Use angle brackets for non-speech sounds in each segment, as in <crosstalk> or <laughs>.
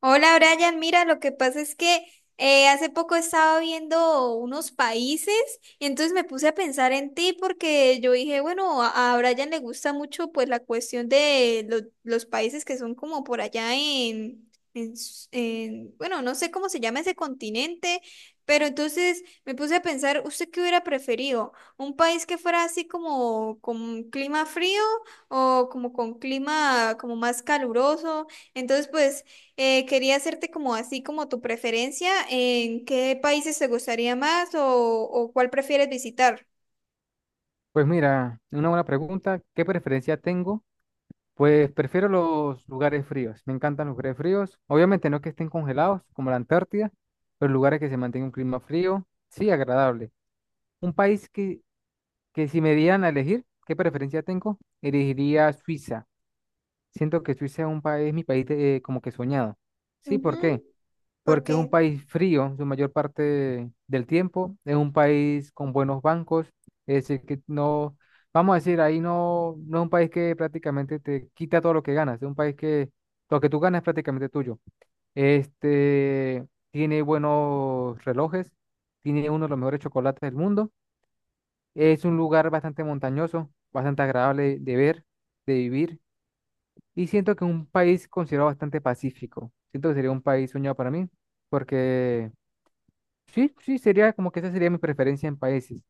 Hola Brian, mira, lo que pasa es que hace poco estaba viendo unos países y entonces me puse a pensar en ti porque yo dije, bueno, a Brian le gusta mucho pues la cuestión de lo- los países que son como por allá bueno, no sé cómo se llama ese continente, pero entonces me puse a pensar, ¿usted qué hubiera preferido? ¿Un país que fuera así como con clima frío o como con clima como más caluroso? Entonces, pues... Quería hacerte como así como tu preferencia en qué países te gustaría más o cuál prefieres visitar. Pues mira, una buena pregunta. ¿Qué preferencia tengo? Pues prefiero los lugares fríos. Me encantan los lugares fríos. Obviamente no que estén congelados, como la Antártida, pero lugares que se mantenga un clima frío, sí, agradable. Un país que si me dieran a elegir, ¿qué preferencia tengo? Elegiría Suiza. Siento que Suiza es un país, mi país de- como que soñado. Sí, ¿por qué? Ujú. Porque es un Porque país frío su mayor parte del tiempo, es un país con buenos bancos, es decir, que no, vamos a decir, ahí no es un país que prácticamente te quita todo lo que ganas, es un país que lo que tú ganas es prácticamente tuyo. Este, tiene buenos relojes, tiene uno de los mejores chocolates del mundo, es un lugar bastante montañoso, bastante agradable de ver, de vivir, y siento que es un país considerado bastante pacífico. Siento que sería un país soñado para mí, porque sí, sí, sería como que esa sería mi preferencia en países.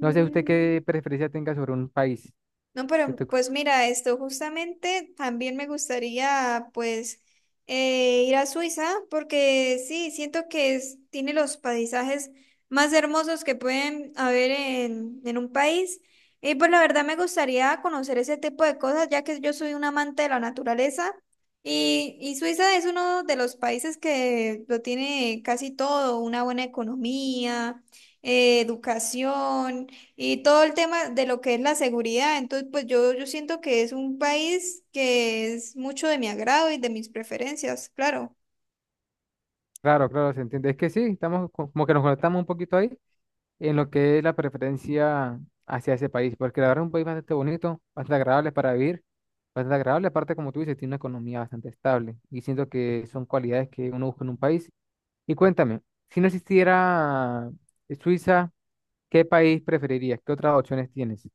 No sé usted qué preferencia tenga sobre un país. no, Que pero tú- pues mira, esto justamente también me gustaría pues ir a Suiza porque sí, siento que es- tiene los paisajes más hermosos que pueden haber en un país. Y pues la verdad me gustaría conocer ese tipo de cosas ya que yo soy un amante de la naturaleza y Suiza es uno de los países que lo tiene casi todo, una buena economía, educación. Y todo el tema de lo que es la seguridad, entonces pues yo siento que es un país que es mucho de mi agrado y de mis preferencias, claro. claro, claro, se entiende. Es que sí, estamos co- como que nos conectamos un poquito ahí en lo que es la preferencia hacia ese país, porque la verdad es un país bastante bonito, bastante agradable para vivir, bastante agradable, aparte como tú dices, tiene una economía bastante estable y siento que son cualidades que uno busca en un país. Y cuéntame, si no existiera Suiza, ¿qué país preferirías? ¿Qué otras opciones tienes?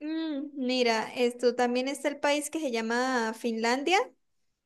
Mm, mira, esto también está el país que se llama Finlandia,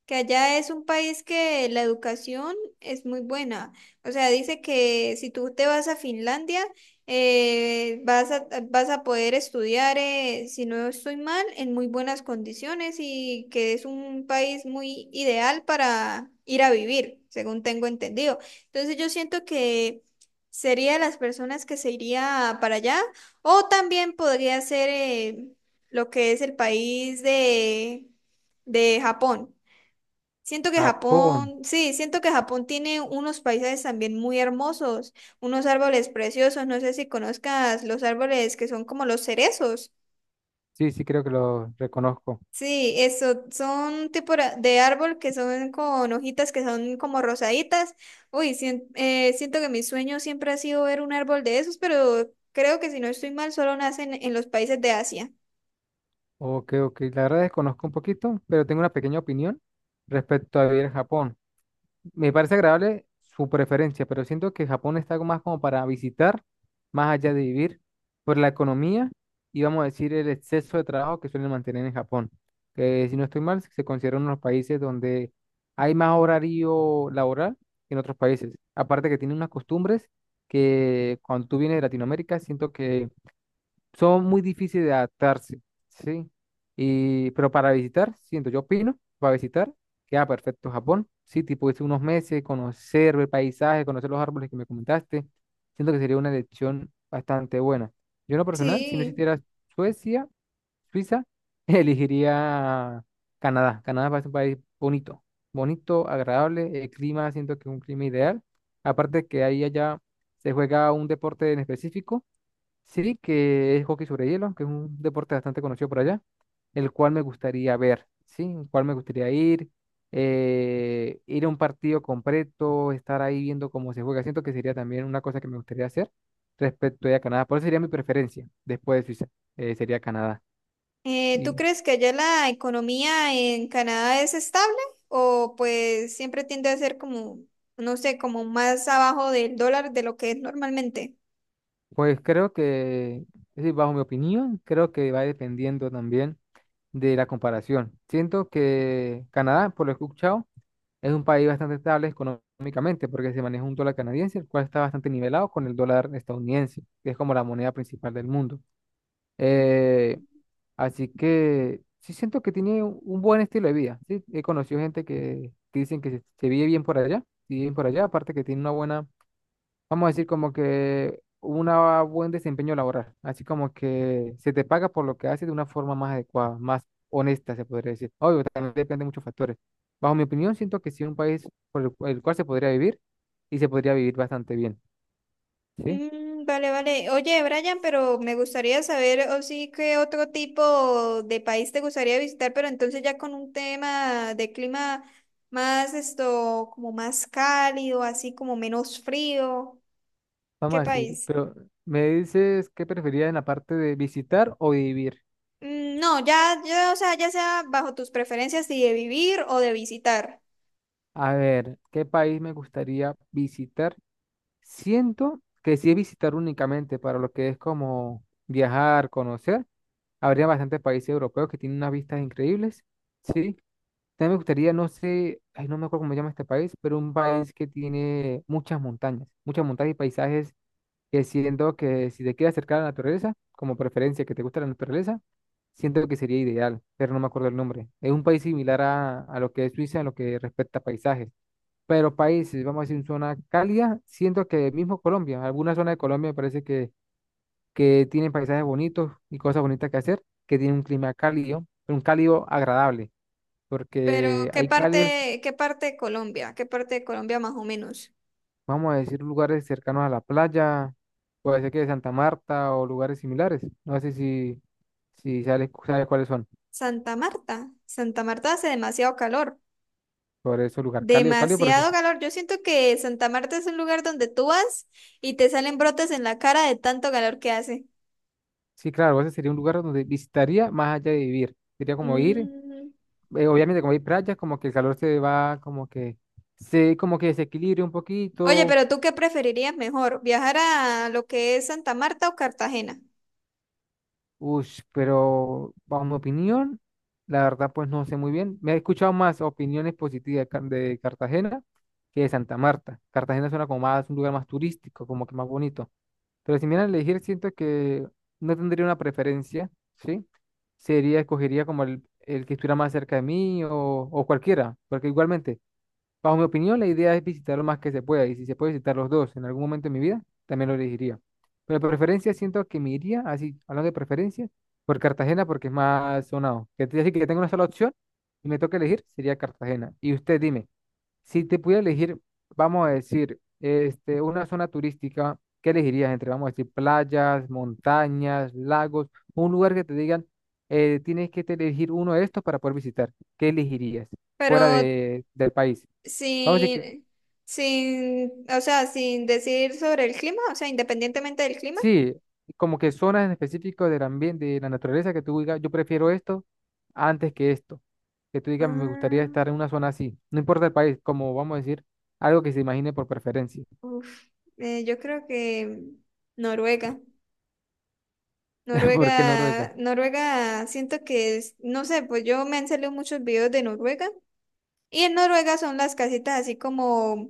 que allá es un país que la educación es muy buena. O sea, dice que si tú te vas a Finlandia, vas a poder estudiar, si no estoy mal, en muy buenas condiciones y que es un país muy ideal para ir a vivir, según tengo entendido. Entonces yo siento que sería de las personas que se iría para allá o también podría ser lo que es el país de Japón. Siento que Japón. Japón, sí, siento que Japón tiene unos paisajes también muy hermosos, unos árboles preciosos, no sé si conozcas los árboles que son como los cerezos. Sí, sí, creo que lo reconozco. Sí, eso, son tipo ra- de árbol que son con hojitas que son como rosaditas. Uy, siento que mi sueño siempre ha sido ver un árbol de esos, pero creo que si no estoy mal, solo nacen en los países de Asia. Ok, ok. La verdad desconozco un poquito, pero tengo una pequeña opinión respecto a vivir en Japón. Me parece agradable su preferencia, pero siento que Japón está más como para visitar, más allá de vivir, por la economía y vamos a decir el exceso de trabajo que suelen mantener en Japón. Que si no estoy mal, se considera uno de los países donde hay más horario laboral que en otros países. Aparte que tiene unas costumbres que cuando tú vienes de Latinoamérica, siento que son muy difíciles de adaptarse, ¿sí? Y, pero para visitar, siento, yo opino, para visitar, queda perfecto Japón, ¿sí? Tipo, irse unos meses, conocer el paisaje, conocer los árboles que me comentaste, siento que sería una elección bastante buena. Yo en lo personal, si no Sí. existiera Suecia, Suiza, <laughs> elegiría Canadá. Canadá parece un país bonito, bonito, agradable, el clima siento que es un clima ideal. Aparte que ahí allá se juega un deporte en específico, sí, que es hockey sobre hielo, que es un deporte bastante conocido por allá, el cual me gustaría ver, ¿sí? El cual me gustaría ir, ir a un partido completo, estar ahí viendo cómo se juega. Siento que sería también una cosa que me gustaría hacer respecto a Canadá. Por eso sería mi preferencia después de Suiza, sería Canadá. ¿Tú Y crees que allá la economía en Canadá es estable o pues siempre tiende a ser como, no sé, como más abajo del dólar de lo que es normalmente? pues creo que, es decir, bajo mi opinión, creo que va dependiendo también de la comparación. Siento que Canadá, por lo que he escuchado, es un país bastante estable económicamente porque se maneja un dólar canadiense, el cual está bastante nivelado con el dólar estadounidense, que es como la moneda principal del mundo. Eh, así que sí siento que tiene un buen estilo de vida. Sí, he conocido gente que dicen que se vive bien por allá, sí, bien por allá, aparte que tiene una buena, vamos a decir, como que un buen desempeño laboral, así como que se te paga por lo que haces de una forma más adecuada, más honesta, se podría decir. Obvio, también depende de muchos factores. Bajo mi opinión, siento que sí es un país por el, cu- el cual se podría vivir y se podría vivir bastante bien, ¿sí? Mm, vale, vale. Oye, Brian, pero me gustaría saber, o sí, qué otro tipo de país te gustaría visitar, pero entonces ya con un tema de clima más esto, como más cálido, así como menos frío. ¿Qué Vamos a decir, país? pero me dices qué preferirías en la parte de visitar o vivir. Mm, no, ya, ya, o sea, ya sea bajo tus preferencias si de vivir o de visitar. A ver, ¿qué país me gustaría visitar? Siento que si es visitar únicamente para lo que es como viajar, conocer. Habría bastantes países europeos que tienen unas vistas increíbles, ¿sí? También me gustaría, no sé, ay, no me acuerdo cómo se llama este país, pero un país que tiene muchas montañas y paisajes que siento que si te quieres acercar a la naturaleza, como preferencia que te gusta la naturaleza, siento que sería ideal, pero no me acuerdo el nombre. Es un país similar a lo que es Suiza en lo que respecta a paisajes, pero países, vamos a decir, en zona cálida, siento que mismo Colombia, alguna zona de Colombia me parece que tiene paisajes bonitos y cosas bonitas que hacer, que tiene un clima cálido, pero un cálido agradable, Pero, porque hay cálidos, qué parte de Colombia? ¿Qué parte de Colombia más o menos? vamos a decir, lugares cercanos a la playa, puede ser que de Santa Marta o lugares similares. No sé si, si sabes, sabes cuáles son, Santa Marta. Santa Marta hace demasiado calor. por eso lugar cálido, cálido, pero sí, Demasiado calor. Yo siento que Santa Marta es un lugar donde tú vas y te salen brotes en la cara de tanto calor que hace. sí, claro, ese sería un lugar donde visitaría más allá de vivir. Sería como ir, Mm. Obviamente como hay playas, como que el calor se va, como que se, como que desequilibre un Oye, poquito. pero ¿tú qué preferirías mejor? ¿Viajar a lo que es Santa Marta o Cartagena? Ush, pero bajo mi opinión, la verdad pues no sé muy bien. Me he escuchado más opiniones positivas de Ca- de Cartagena que de Santa Marta. Cartagena suena como más un lugar más turístico, como que más bonito. Pero si me dieran a elegir, siento que no tendría una preferencia, ¿sí? Sería, escogería como el que estuviera más cerca de mí o cualquiera, porque igualmente. Bajo mi opinión, la idea es visitar lo más que se pueda y si se puede visitar los dos en algún momento de mi vida, también lo elegiría. Pero de preferencia siento que me iría, así, hablando de preferencia, por Cartagena porque es más sonado. Que te decir que tengo una sola opción y me toca elegir, sería Cartagena. Y usted dime, si te pudiera elegir, vamos a decir, este, una zona turística, ¿qué elegirías entre, vamos a decir, playas, montañas, lagos, un lugar que te digan, tienes que te elegir uno de estos para poder visitar? ¿Qué elegirías fuera Pero de, del país? Vamos a decir que sin, sin, o sea, sin decir sobre el clima, o sea, independientemente del clima. sí, como que zonas en específico del ambiente, de la naturaleza, que tú digas, yo prefiero esto antes que esto. Que tú digas, me gustaría Ah, estar en una zona así. No importa el país, como vamos a decir, algo que se imagine por preferencia. uf, yo creo que Noruega. <laughs> ¿Por qué Noruega? Noruega, Noruega, siento que es, no sé, pues yo me han salido muchos videos de Noruega. Y en Noruega son las casitas así como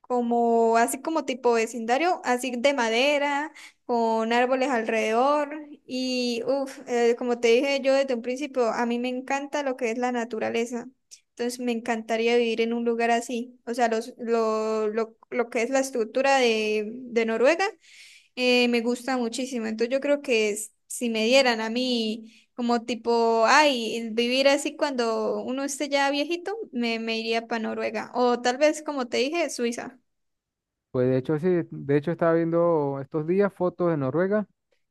como así como tipo vecindario, así de madera, con árboles alrededor y uff, como te dije yo desde un principio, a mí me encanta lo que es la naturaleza. Entonces me encantaría vivir en un lugar así. O sea, lo que es la estructura de Noruega me gusta muchísimo. Entonces yo creo que s- si me dieran a mí como tipo, ay, vivir así cuando uno esté ya viejito, me iría para Noruega. O tal vez, como te dije, Suiza. Pues de hecho, sí, de hecho estaba viendo estos días fotos de Noruega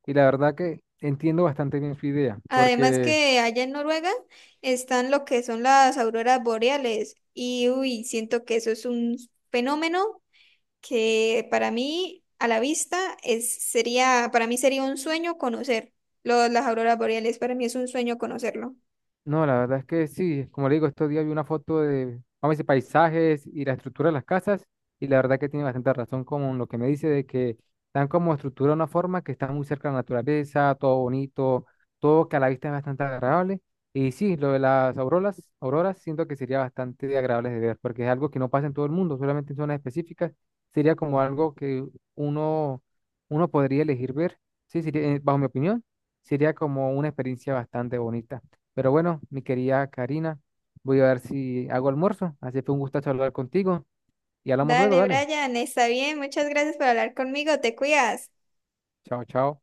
y la verdad que entiendo bastante bien su idea, Además porque que allá en Noruega están lo que son las auroras boreales y uy, siento que eso es un fenómeno que para mí a la vista es, sería, para mí sería un sueño conocer lo- las auroras boreales, para mí es un sueño conocerlo. no, la verdad es que sí, como le digo, estos días vi una foto de, vamos a decir, paisajes y la estructura de las casas, y la verdad que tiene bastante razón con lo que me dice de que están como estructura de una forma que está muy cerca de la naturaleza, todo bonito, todo que a la vista es bastante agradable. Y sí, lo de las auroras, auroras siento que sería bastante agradable de ver, porque es algo que no pasa en todo el mundo, solamente en zonas específicas, sería como algo que uno, uno podría elegir ver, sí, sería, bajo mi opinión, sería como una experiencia bastante bonita. Pero bueno, mi querida Karina, voy a ver si hago almuerzo. Así que fue un gustazo hablar contigo y hablamos luego, Dale, dale. Brian, está bien, muchas gracias por hablar conmigo, te cuidas. Chao, chao.